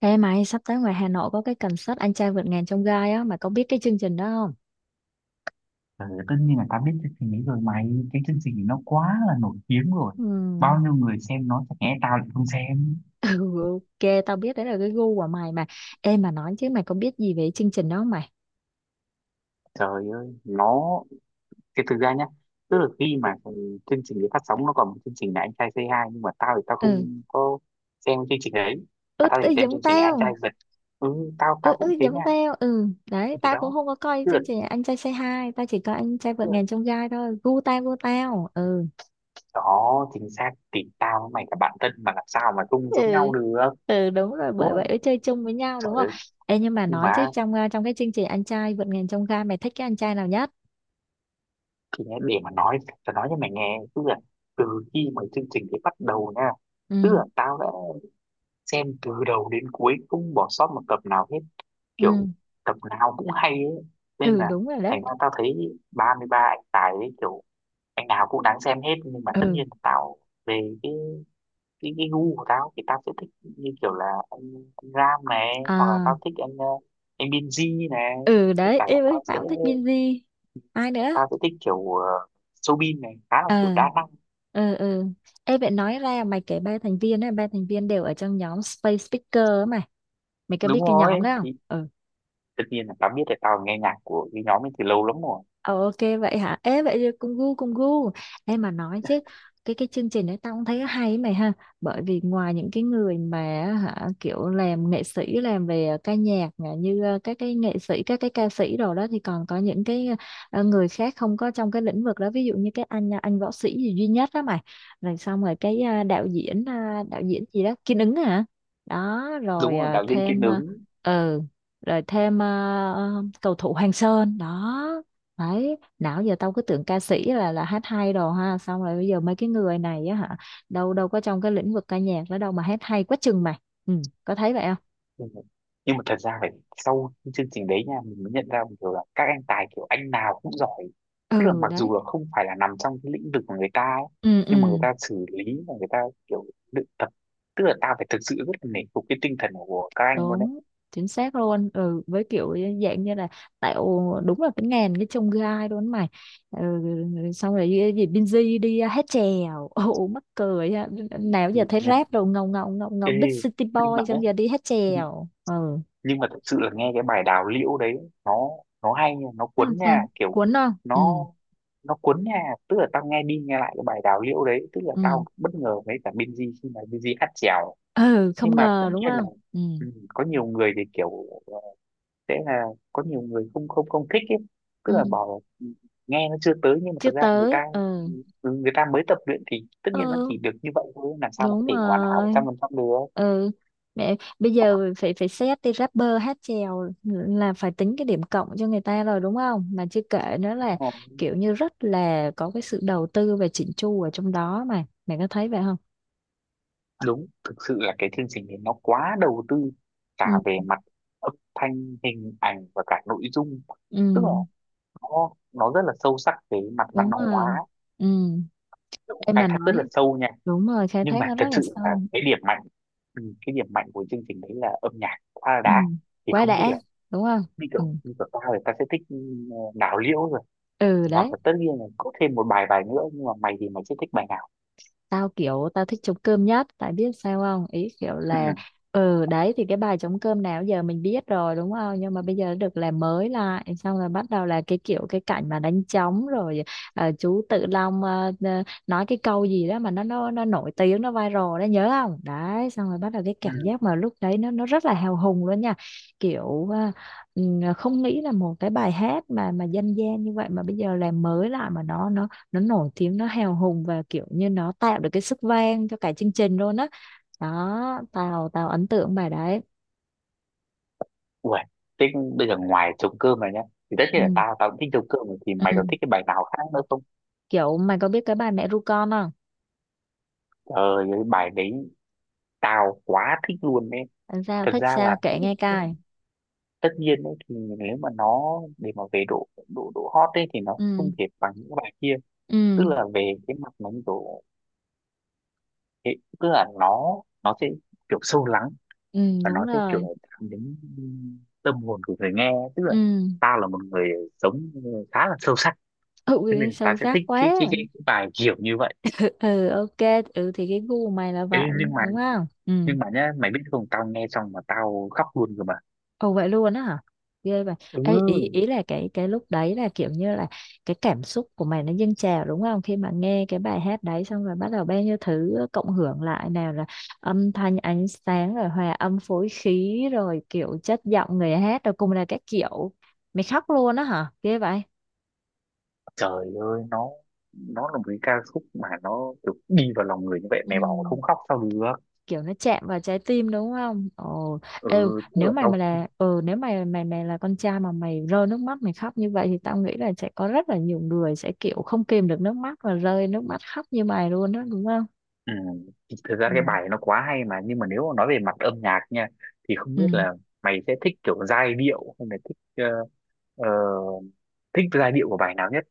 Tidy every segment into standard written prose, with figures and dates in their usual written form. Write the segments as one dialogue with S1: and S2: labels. S1: Ê mày, sắp tới ngoài Hà Nội có cái concert Anh trai vượt ngàn chông gai á, mày có biết cái chương trình đó không?
S2: Ờ, tất nhiên là tao biết chương trình ấy rồi mày. Cái chương trình ấy nó quá là nổi tiếng rồi, bao
S1: Ừm.
S2: nhiêu người xem nó chẳng lẽ tao lại không xem.
S1: Ừ, ok, tao biết đấy là cái gu của mày mà. Ê mà nói chứ mày có biết gì về chương trình đó không mày?
S2: Trời ơi cái thực ra nhá, tức là khi mà cái chương trình ấy phát sóng nó còn một chương trình là anh trai Say Hi, nhưng mà tao thì tao
S1: Ừ
S2: không có xem chương trình ấy, mà
S1: ướt,
S2: tao chỉ
S1: ừ
S2: xem
S1: giống
S2: chương trình anh
S1: tao,
S2: trai vượt. Ừ, tao tao
S1: ừ, ừ
S2: cũng thế nha.
S1: giống tao, ừ. Đấy,
S2: Thì
S1: tao cũng
S2: đó,
S1: không có coi
S2: tức là,
S1: chương trình Anh trai Say Hi, tao chỉ coi Anh trai vượt
S2: tức là
S1: ngàn chông gai thôi, gu tao, ừ.
S2: đó chính xác thì tao với mày là bạn thân mà làm sao mà không giống
S1: Ừ.
S2: nhau được,
S1: Ừ đúng rồi,
S2: đúng
S1: bởi vậy
S2: không?
S1: mới chơi chung với nhau
S2: Trời
S1: đúng không?
S2: ơi.
S1: Ê nhưng mà
S2: Nhưng
S1: nói chứ
S2: mà
S1: trong cái chương trình anh trai vượt ngàn chông gai mày thích cái anh trai nào nhất?
S2: thì nhá, để mà nói tao nói cho mày nghe, tức là từ khi mà chương trình ấy bắt đầu nha, tức
S1: Ừ.
S2: là tao đã xem từ đầu đến cuối không bỏ sót một tập nào hết, kiểu
S1: Ừ.
S2: tập nào cũng hay ấy, nên
S1: Ừ
S2: là
S1: đúng rồi đấy.
S2: thành ra tao thấy 33 anh tài ấy kiểu anh nào cũng đáng xem hết, nhưng mà tất
S1: Ừ.
S2: nhiên tao về cái gu của tao thì tao sẽ thích như kiểu là anh Ram này, hoặc là
S1: À.
S2: tao thích anh anh Binz này.
S1: Ừ
S2: Tất
S1: đấy
S2: cả là
S1: em ơi,
S2: tao
S1: tao
S2: sẽ
S1: cũng thích Binz. Ai nữa?
S2: tao sẽ thích kiểu Soobin này, khá là kiểu
S1: Ờ.
S2: đa năng.
S1: Ừ. Ừ em vậy nói ra mày kể ba thành viên ấy, ba thành viên đều ở trong nhóm Space Speaker ấy mày, mày có
S2: Đúng
S1: biết cái
S2: rồi,
S1: nhóm đó không?
S2: thì
S1: Ừ.
S2: tất nhiên là tao biết là tao nghe nhạc của cái nhóm ấy từ lâu lắm rồi.
S1: Ờ, ok vậy hả? Ê vậy thì cùng gu, cùng gu. Em mà nói chứ cái chương trình đấy tao cũng thấy hay ấy mày ha. Bởi vì ngoài những cái người mà hả kiểu làm nghệ sĩ làm về ca nhạc nè, như các cái nghệ sĩ các cái ca sĩ rồi đó thì còn có những cái người khác không có trong cái lĩnh vực đó, ví dụ như cái anh anh võ sĩ gì duy nhất đó mày. Rồi xong rồi cái đạo diễn đạo diễn gì đó Kiên Ứng hả? Đó
S2: Đúng
S1: rồi
S2: rồi,
S1: ờ,
S2: đạo diễn Kiên
S1: thêm ờ
S2: Ứng.
S1: ừ, rồi thêm cầu thủ Hoàng Sơn đó. Đấy, nào giờ tao cứ tưởng ca sĩ là hát hay đồ ha, xong rồi bây giờ mấy cái người này á hả, đâu đâu có trong cái lĩnh vực ca nhạc đó đâu mà hát hay quá chừng mày. Ừ, có thấy vậy không?
S2: Ừ. Nhưng mà thật ra phải sau cái chương trình đấy nha mình mới nhận ra một điều là các anh tài kiểu anh nào cũng giỏi, tức là
S1: Ừ,
S2: mặc
S1: đấy.
S2: dù là không phải là nằm trong cái lĩnh vực của người ta ấy,
S1: Ừ,
S2: nhưng mà người
S1: ừ,
S2: ta xử lý và người ta kiểu luyện tập, tức là tao phải thực sự rất là nể phục cái tinh thần của các anh luôn đấy.
S1: đúng, chính xác luôn. Ừ, với kiểu dạng như là tạo đúng là cái ngàn cái chông gai luôn mày. Ừ, xong rồi cái gì Binz đi hát chèo. Ồ mắc cười ha. Nào
S2: Ừ.
S1: giờ thấy
S2: Ừ.
S1: rap đồ ngầu ngầu ngầu ngầu
S2: Ê,
S1: Big City
S2: nhưng mà
S1: Boy
S2: nhé,
S1: xong giờ đi hát chèo. Ừ,
S2: nhưng mà thật sự là nghe cái bài đào liễu đấy, nó nó hay nha, nó
S1: nó làm
S2: cuốn
S1: sao?
S2: nha, kiểu
S1: Cuốn không? Ừ.
S2: nó nó cuốn nha, tức là tao nghe đi nghe lại cái bài đào liễu đấy, tức là
S1: Ừ.
S2: tao bất ngờ với cả Binz khi mà Binz hát chèo.
S1: Ừ
S2: Nhưng
S1: không
S2: mà tất
S1: ngờ đúng
S2: nhiên là,
S1: không? Ừ.
S2: ừ, có nhiều người thì kiểu ờ, sẽ là có nhiều người không không không thích ấy, tức
S1: Ừ
S2: là bảo là, ừ, nghe nó chưa tới, nhưng mà
S1: chưa
S2: thật ra là người
S1: tới,
S2: ta,
S1: ừ.
S2: ừ, người ta mới tập luyện thì tất nhiên nó
S1: Ừ
S2: chỉ được như vậy thôi, làm sao mà có
S1: đúng
S2: thể hoàn hảo một trăm
S1: rồi,
S2: phần trăm được,
S1: ừ. Mẹ, bây giờ phải phải xét đi rapper hát chèo là phải tính cái điểm cộng cho người ta rồi đúng không, mà chưa kể nữa
S2: đúng
S1: là
S2: không?
S1: kiểu như rất là có cái sự đầu tư và chỉnh chu ở trong đó mà mẹ có thấy vậy không?
S2: Đúng, thực sự là cái chương trình này nó quá đầu tư, cả
S1: Ừ.
S2: về mặt âm thanh, hình ảnh và cả nội dung,
S1: Ừ
S2: tức là nó rất là sâu sắc về mặt văn
S1: đúng
S2: hóa,
S1: rồi, ừ.
S2: nó cũng
S1: Em
S2: khai
S1: mà
S2: thác rất là
S1: nói
S2: sâu nha.
S1: đúng rồi khai
S2: Nhưng
S1: thác
S2: mà
S1: nó
S2: thật
S1: rất là
S2: sự là
S1: sâu,
S2: cái điểm mạnh, ừ, cái điểm mạnh của chương trình đấy là âm nhạc quá là
S1: ừ.
S2: đã. Thì
S1: Quá
S2: không biết là
S1: đã đúng không?
S2: như
S1: Ừ.
S2: kiểu như của tao thì tao sẽ thích, ừ, đào liễu rồi,
S1: Ừ
S2: hoặc
S1: đấy.
S2: là tất nhiên là có thêm một bài bài nữa, nhưng mà mày thì mày sẽ thích bài nào?
S1: Tao kiểu tao thích trống cơm nhất tại biết sao không, ý kiểu
S2: Ừ,
S1: là ừ đấy, thì cái bài trống cơm nào giờ mình biết rồi đúng không, nhưng mà bây giờ được làm mới lại, xong rồi bắt đầu là cái kiểu cái cảnh mà đánh trống, rồi chú Tự Long nói cái câu gì đó mà nó nổi tiếng nó viral đó nhớ không đấy, xong rồi bắt đầu cái
S2: ừ.
S1: cảm giác mà lúc đấy nó rất là hào hùng luôn nha, kiểu ừ, không nghĩ là một cái bài hát mà dân gian như vậy mà bây giờ làm mới lại mà nó nổi tiếng, nó hào hùng và kiểu như nó tạo được cái sức vang cho cả chương trình luôn á. Đó, tao tao ấn tượng bài đấy.
S2: Uầy, thế bây giờ ngoài trống cơm này nhá, thì tất
S1: Ừ.
S2: nhiên là tao tao cũng thích trống cơm rồi, thì mày
S1: Ừ
S2: còn thích cái bài nào khác nữa không?
S1: kiểu mày có biết cái bài mẹ ru con không?
S2: Trời, cái bài đấy tao quá thích luôn đấy.
S1: Làm sao
S2: Thật
S1: thích
S2: ra là
S1: sao kể nghe cài,
S2: tất nhiên đấy, thì nếu mà nó để mà về độ độ độ hot ấy thì nó
S1: ừ,
S2: không thể bằng những bài kia,
S1: ừ,
S2: tức là về cái mặt nó độ tức là nó sẽ kiểu sâu lắng,
S1: ừ
S2: và nó
S1: đúng
S2: sẽ kiểu
S1: rồi,
S2: chạm đến tâm hồn của người nghe, tức là
S1: ừ,
S2: tao là một người sống khá là sâu sắc,
S1: ừ
S2: thế nên ta
S1: sâu
S2: sẽ
S1: sắc
S2: thích
S1: quá.
S2: cái bài kiểu như vậy.
S1: Ừ, ừ, ok ừ thì cái gu mày là vậy
S2: Ê, nhưng mà
S1: đúng không, ừ.
S2: nhưng mà nhá, mày biết không, tao nghe xong mà tao khóc luôn rồi mà.
S1: Ồ vậy luôn á hả? Ghê vậy. Ê, ý
S2: Ừ.
S1: ừ, ý là cái lúc đấy là kiểu như là cái cảm xúc của mày nó dâng trào đúng không? Khi mà nghe cái bài hát đấy xong rồi bắt đầu bao nhiêu thứ cộng hưởng lại, nào là âm thanh ánh sáng rồi hòa âm phối khí rồi kiểu chất giọng người hát rồi cùng là các kiểu. Mày khóc luôn á hả? Ghê vậy.
S2: Trời ơi, nó là một cái ca khúc mà nó kiểu đi vào lòng người như vậy,
S1: Ừ.
S2: mày bảo không khóc sao được?
S1: Kiểu nó chạm vào trái tim đúng không? Ồ, ừ,
S2: Ừ, tức
S1: nếu
S2: là
S1: mày mà
S2: tao,
S1: là ừ, nếu mày mày mày là con trai mà mày rơi nước mắt mày khóc như vậy thì tao nghĩ là sẽ có rất là nhiều người sẽ kiểu không kìm được nước mắt và rơi nước mắt khóc như mày luôn đó đúng không?
S2: ừ, thì thực ra
S1: Ừ.
S2: cái bài nó quá hay mà, nhưng mà nếu mà nói về mặt âm nhạc nha thì không
S1: Ừ.
S2: biết là mày sẽ thích kiểu giai điệu hay là thích ờ, ờ, thích giai điệu của bài nào nhất?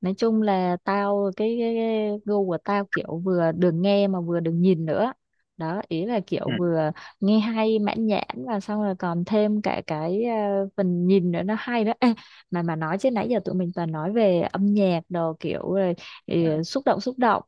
S1: Nói chung là tao cái gu của tao kiểu vừa được nghe mà vừa được nhìn nữa, đó ý là kiểu
S2: Ừ,
S1: vừa nghe hay mãn nhãn và xong rồi còn thêm cả cái phần nhìn nữa nó hay đó. Ê, mà nói chứ nãy giờ tụi mình toàn nói về âm nhạc đồ kiểu rồi
S2: ừ,
S1: ừ, xúc động xúc động,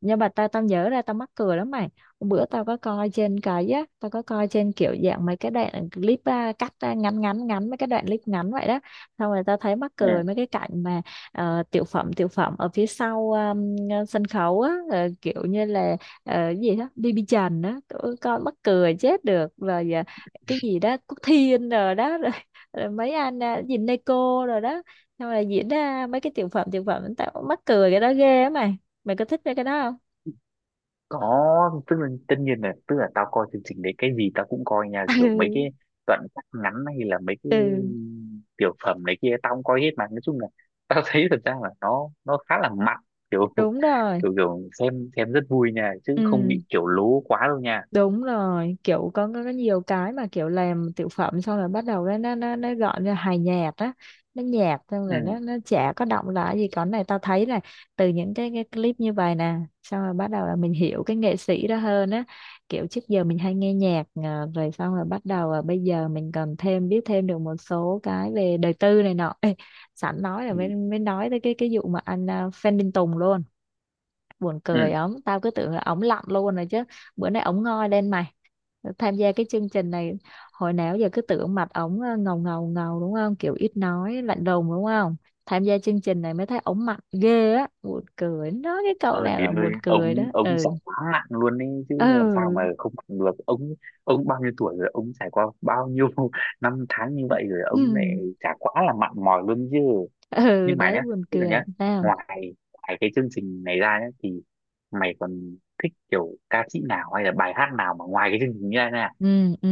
S1: nhưng mà tao tao nhớ ra tao mắc cười lắm mày. Hôm bữa tao có coi trên cái á, tao có coi trên kiểu dạng mấy cái đoạn clip à, cắt ra ngắn ngắn ngắn mấy cái đoạn clip ngắn vậy đó, xong rồi tao thấy mắc
S2: ừ.
S1: cười mấy cái cảnh mà tiểu phẩm ở phía sau sân khấu á, kiểu như là cái gì đó BB Trần á tụi con mắc cười chết được rồi, cái gì đó Quốc Thiên rồi đó rồi, rồi mấy anh à, gì Neko rồi đó, xong rồi diễn ra mấy cái tiểu phẩm tiểu phẩm, tao mắc cười cái đó ghê á mày, mày có thích mấy cái đó không?
S2: Có, tức là tất nhiên là tức là tao coi chương trình đấy cái gì tao cũng coi nha, kiểu mấy cái
S1: Ừ,
S2: đoạn cắt ngắn hay là mấy cái
S1: ừ.
S2: tiểu phẩm này kia tao cũng coi hết, mà nói chung là tao thấy thật ra là nó khá là mặn, kiểu
S1: Đúng rồi,
S2: kiểu kiểu xem rất vui nha, chứ
S1: ừ,
S2: không bị kiểu lố quá đâu nha.
S1: đúng rồi kiểu có nhiều cái mà kiểu làm tiểu phẩm xong rồi bắt đầu nó gọn ra hài nhạt á, nó nhạt xong rồi
S2: Ừ,
S1: nó chả có động lại gì, còn này tao thấy là từ những cái clip như vậy nè, xong rồi bắt đầu là mình hiểu cái nghệ sĩ đó hơn á, kiểu trước giờ mình hay nghe nhạc à, rồi xong rồi bắt đầu là bây giờ mình cần thêm biết thêm được một số cái về đời tư này nọ. Ê, sẵn nói là mới
S2: ừ,
S1: mới nói tới cái vụ mà anh à, Phan Đình Tùng luôn, buồn
S2: ừ.
S1: cười ổng, tao cứ tưởng là ổng lặn luôn rồi chứ, bữa nay ổng ngoi lên mày, tham gia cái chương trình này, hồi nào giờ cứ tưởng mặt ổng ngầu ngầu ngầu đúng không, kiểu ít nói lạnh lùng đúng không, tham gia chương trình này mới thấy ổng mặt ghê á, buồn cười nói cái cậu
S2: Trời
S1: này là
S2: ơi,
S1: buồn cười đó,
S2: ông
S1: ừ.
S2: trải quá nặng luôn ấy chứ, làm sao mà
S1: Ừ,
S2: không mặn được ông? Ông bao nhiêu tuổi rồi, ông trải qua bao nhiêu năm tháng như vậy rồi, ông
S1: ừ,
S2: lại chả quá là mặn mòi luôn chứ.
S1: ừ.
S2: Nhưng mà
S1: Đấy
S2: nhá,
S1: buồn
S2: tức là
S1: cười.
S2: nhá,
S1: Nào
S2: ngoài ngoài cái chương trình này ra nhá thì mày còn thích kiểu ca sĩ nào hay là bài hát nào mà ngoài cái chương trình ra nè?
S1: ừ, ừ,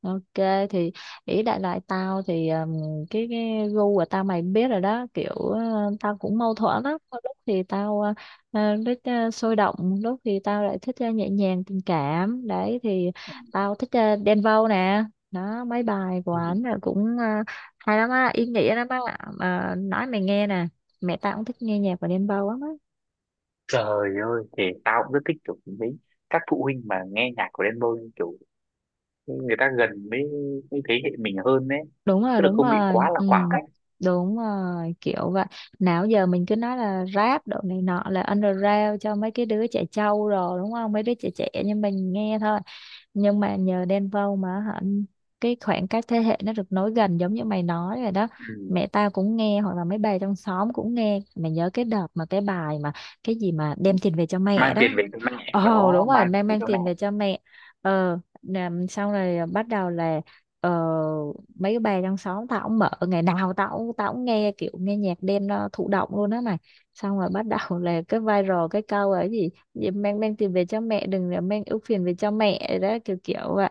S1: ok thì ý đại loại tao thì cái gu của tao mày biết rồi đó, kiểu tao cũng mâu thuẫn lắm, có lúc thì tao thích sôi động, lúc thì tao lại thích nhẹ nhàng tình cảm, đấy thì tao thích Đen Vâu nè, đó mấy bài của
S2: Ừ.
S1: ảnh là cũng hay lắm á, ý nghĩa lắm á, mà nói mày nghe nè, mẹ tao cũng thích nghe nhạc của Đen Vâu lắm á.
S2: Trời ơi, thì tao cũng rất thích kiểu mấy các phụ huynh mà nghe nhạc của Đen Vâu, kiểu người ta gần với thế hệ mình hơn đấy,
S1: Đúng rồi
S2: tức là
S1: đúng
S2: không bị
S1: rồi,
S2: quá là
S1: ừ
S2: khoảng cách.
S1: đúng rồi kiểu vậy. Nào giờ mình cứ nói là rap độ này nọ là underground cho mấy cái đứa trẻ trâu rồi đúng không, mấy đứa trẻ trẻ nhưng mình nghe thôi, nhưng mà nhờ Đen Vâu mà hả cái khoảng cách thế hệ nó được nối gần giống như mày nói rồi đó,
S2: Ừ.
S1: mẹ tao cũng nghe hoặc là mấy bà trong xóm cũng nghe, mày nhớ cái đợt mà cái bài mà cái gì mà đem tiền về cho mẹ
S2: Mang
S1: đó.
S2: tiền về cho mẹ
S1: Ồ đúng
S2: đó,
S1: rồi,
S2: mang
S1: mang
S2: tiền về
S1: mang
S2: cho mẹ.
S1: tiền về cho mẹ. Ờ làm sau này bắt đầu là ờ, mấy cái bà trong xóm tao cũng mở, ngày nào tao cũng nghe kiểu nghe nhạc đêm, nó thụ động luôn á mày, xong rồi bắt đầu là cái viral cái câu ấy gì, gì mang mang tiền về cho mẹ đừng là mang ưu phiền về cho mẹ đó, kiểu kiểu vậy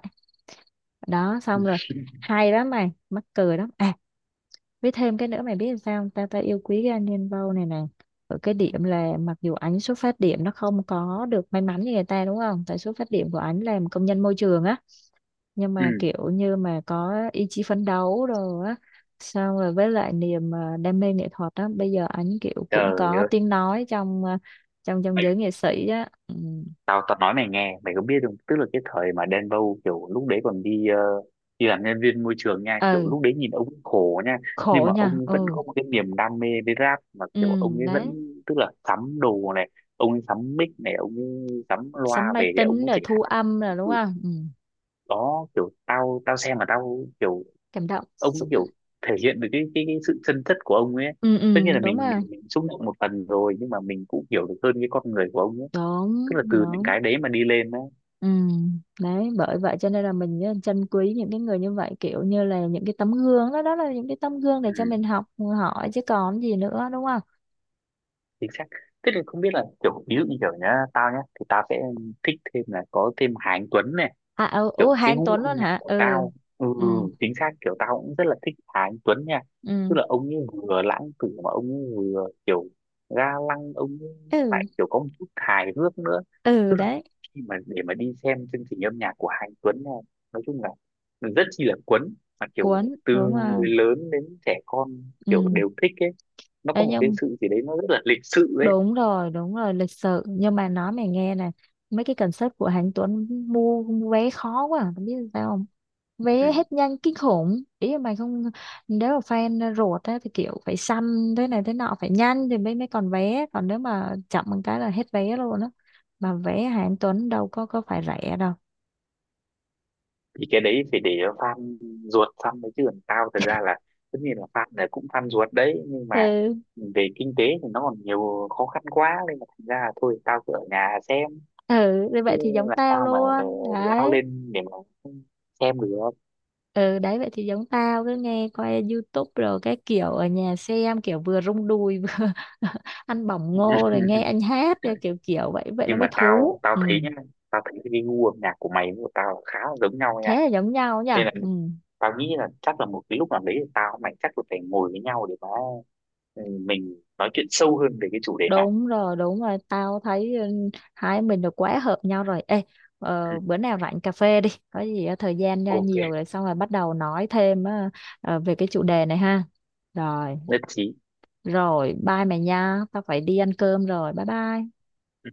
S1: đó,
S2: Ừ.
S1: xong rồi hay lắm mày mắc cười lắm. À với thêm cái nữa mày biết sao không? Ta ta yêu quý cái anh nhân Vâu này này, ở cái điểm là mặc dù ảnh xuất phát điểm nó không có được may mắn như người ta đúng không, tại xuất phát điểm của ảnh làm công nhân môi trường á, nhưng mà
S2: Ừ.
S1: kiểu như mà có ý chí phấn đấu rồi á, xong rồi với lại niềm đam mê nghệ thuật á, bây giờ ảnh kiểu cũng
S2: Trời
S1: có
S2: ơi,
S1: tiếng nói trong trong trong giới nghệ sĩ á, ừ.
S2: tao tao nói mày nghe, mày có biết không, tức là cái thời mà Đen Vâu kiểu lúc đấy còn đi đi làm nhân viên môi trường nha, kiểu
S1: Ừ
S2: lúc đấy nhìn ông khổ nha, nhưng
S1: khổ
S2: mà
S1: nha,
S2: ông vẫn
S1: ừ,
S2: có một cái niềm đam mê với rap mà,
S1: ừ
S2: kiểu ông ấy vẫn,
S1: đấy,
S2: tức là sắm đồ này, ông ấy sắm mic này, ông ấy sắm loa
S1: sắm máy
S2: về để ông
S1: tính
S2: có
S1: rồi
S2: thể
S1: thu
S2: hát.
S1: âm rồi đúng
S2: Ừ.
S1: không, ừ.
S2: Đó, kiểu tao tao xem mà tao kiểu
S1: Cảm động
S2: ông ấy
S1: xúc.
S2: kiểu thể hiện được cái sự chân chất của ông ấy,
S1: Ừ,
S2: tất
S1: ừ
S2: nhiên là
S1: đúng
S2: mình mình,
S1: rồi,
S2: mình xúc động một phần rồi, nhưng mà mình cũng hiểu được hơn cái con người của ông ấy,
S1: đúng
S2: tức là từ những
S1: đúng,
S2: cái đấy mà đi lên đó.
S1: ừ. Đấy bởi vậy cho nên là mình á, trân quý những cái người như vậy, kiểu như là những cái tấm gương, đó đó là những cái tấm gương để cho
S2: Ừ.
S1: mình học hỏi chứ còn gì nữa đúng không?
S2: Chính xác, tức là không biết là kiểu ví dụ như kiểu nhá, tao nhá thì tao sẽ thích thêm là có thêm Hà Anh Tuấn này,
S1: À ừ,
S2: kiểu
S1: ừ
S2: cái
S1: Hán
S2: gu
S1: Tuấn luôn
S2: âm nhạc
S1: hả,
S2: của
S1: ừ,
S2: tao. Ừ,
S1: ừ,
S2: chính xác, kiểu tao cũng rất là thích Hà Anh Tuấn nha, tức
S1: ừ,
S2: là ông ấy vừa lãng tử mà ông ấy vừa kiểu ga lăng, ông ấy lại
S1: ừ,
S2: kiểu có một chút hài hước nữa,
S1: ừ
S2: tức là
S1: đấy,
S2: khi mà để mà đi xem chương trình âm nhạc của Hà Anh Tuấn này nói chung là rất chi là cuốn, mà kiểu
S1: cuốn
S2: từ
S1: đúng
S2: người
S1: không,
S2: lớn đến trẻ con
S1: ừ
S2: kiểu đều thích ấy, nó có
S1: đấy
S2: một cái
S1: nhưng
S2: sự gì đấy nó rất là lịch sự ấy.
S1: đúng rồi lịch sự, nhưng mà nói mày nghe nè mấy cái concept của Hán Tuấn, mua vé khó quá không biết sao không? Vé
S2: Ừ.
S1: hết nhanh kinh khủng, ý là mày không, nếu mà fan ruột á thì kiểu phải săn thế này thế nọ, phải nhanh thì mới mới còn vé, còn nếu mà chậm một cái là hết vé luôn á, mà vé hạng Tuấn đâu có phải rẻ đâu.
S2: Thì cái đấy phải để fan ruột săn đấy, chứ còn tao thật ra là tất nhiên là fan này cũng fan ruột đấy, nhưng mà
S1: Ừ,
S2: về kinh tế thì nó còn nhiều khó khăn quá nên là thành ra là thôi tao cứ ở nhà xem,
S1: ừ thì
S2: chứ
S1: vậy thì giống
S2: là
S1: tao
S2: tao mà
S1: luôn
S2: lao
S1: đấy,
S2: lên để mà xem được.
S1: ừ đấy vậy thì giống tao cứ nghe coi YouTube rồi cái kiểu ở nhà xem kiểu vừa rung đùi vừa ăn bỏng ngô rồi nghe anh hát kiểu kiểu vậy vậy nó
S2: Nhưng
S1: mới
S2: mà tao
S1: thú,
S2: tao
S1: ừ.
S2: thấy nhá, tao thấy cái gu âm nhạc của mày với của tao là khá là giống nhau nha,
S1: Thế là giống nhau nhỉ,
S2: nên là
S1: ừ.
S2: tao nghĩ là chắc là một cái lúc nào đấy thì tao với mày chắc là phải ngồi với nhau để mà, ừ, mình nói chuyện sâu hơn về cái chủ đề này.
S1: Đúng rồi, tao thấy ừ, hai mình được quá hợp nhau rồi. Ê,
S2: Ừ.
S1: bữa nào rảnh cà phê đi, có gì á, thời gian ra
S2: OK.
S1: nhiều rồi xong rồi bắt đầu nói thêm á, về cái chủ đề này ha. Rồi,
S2: Nhất trí.
S1: rồi, bye mày nha, tao phải đi ăn cơm rồi, bye bye.
S2: Ừ.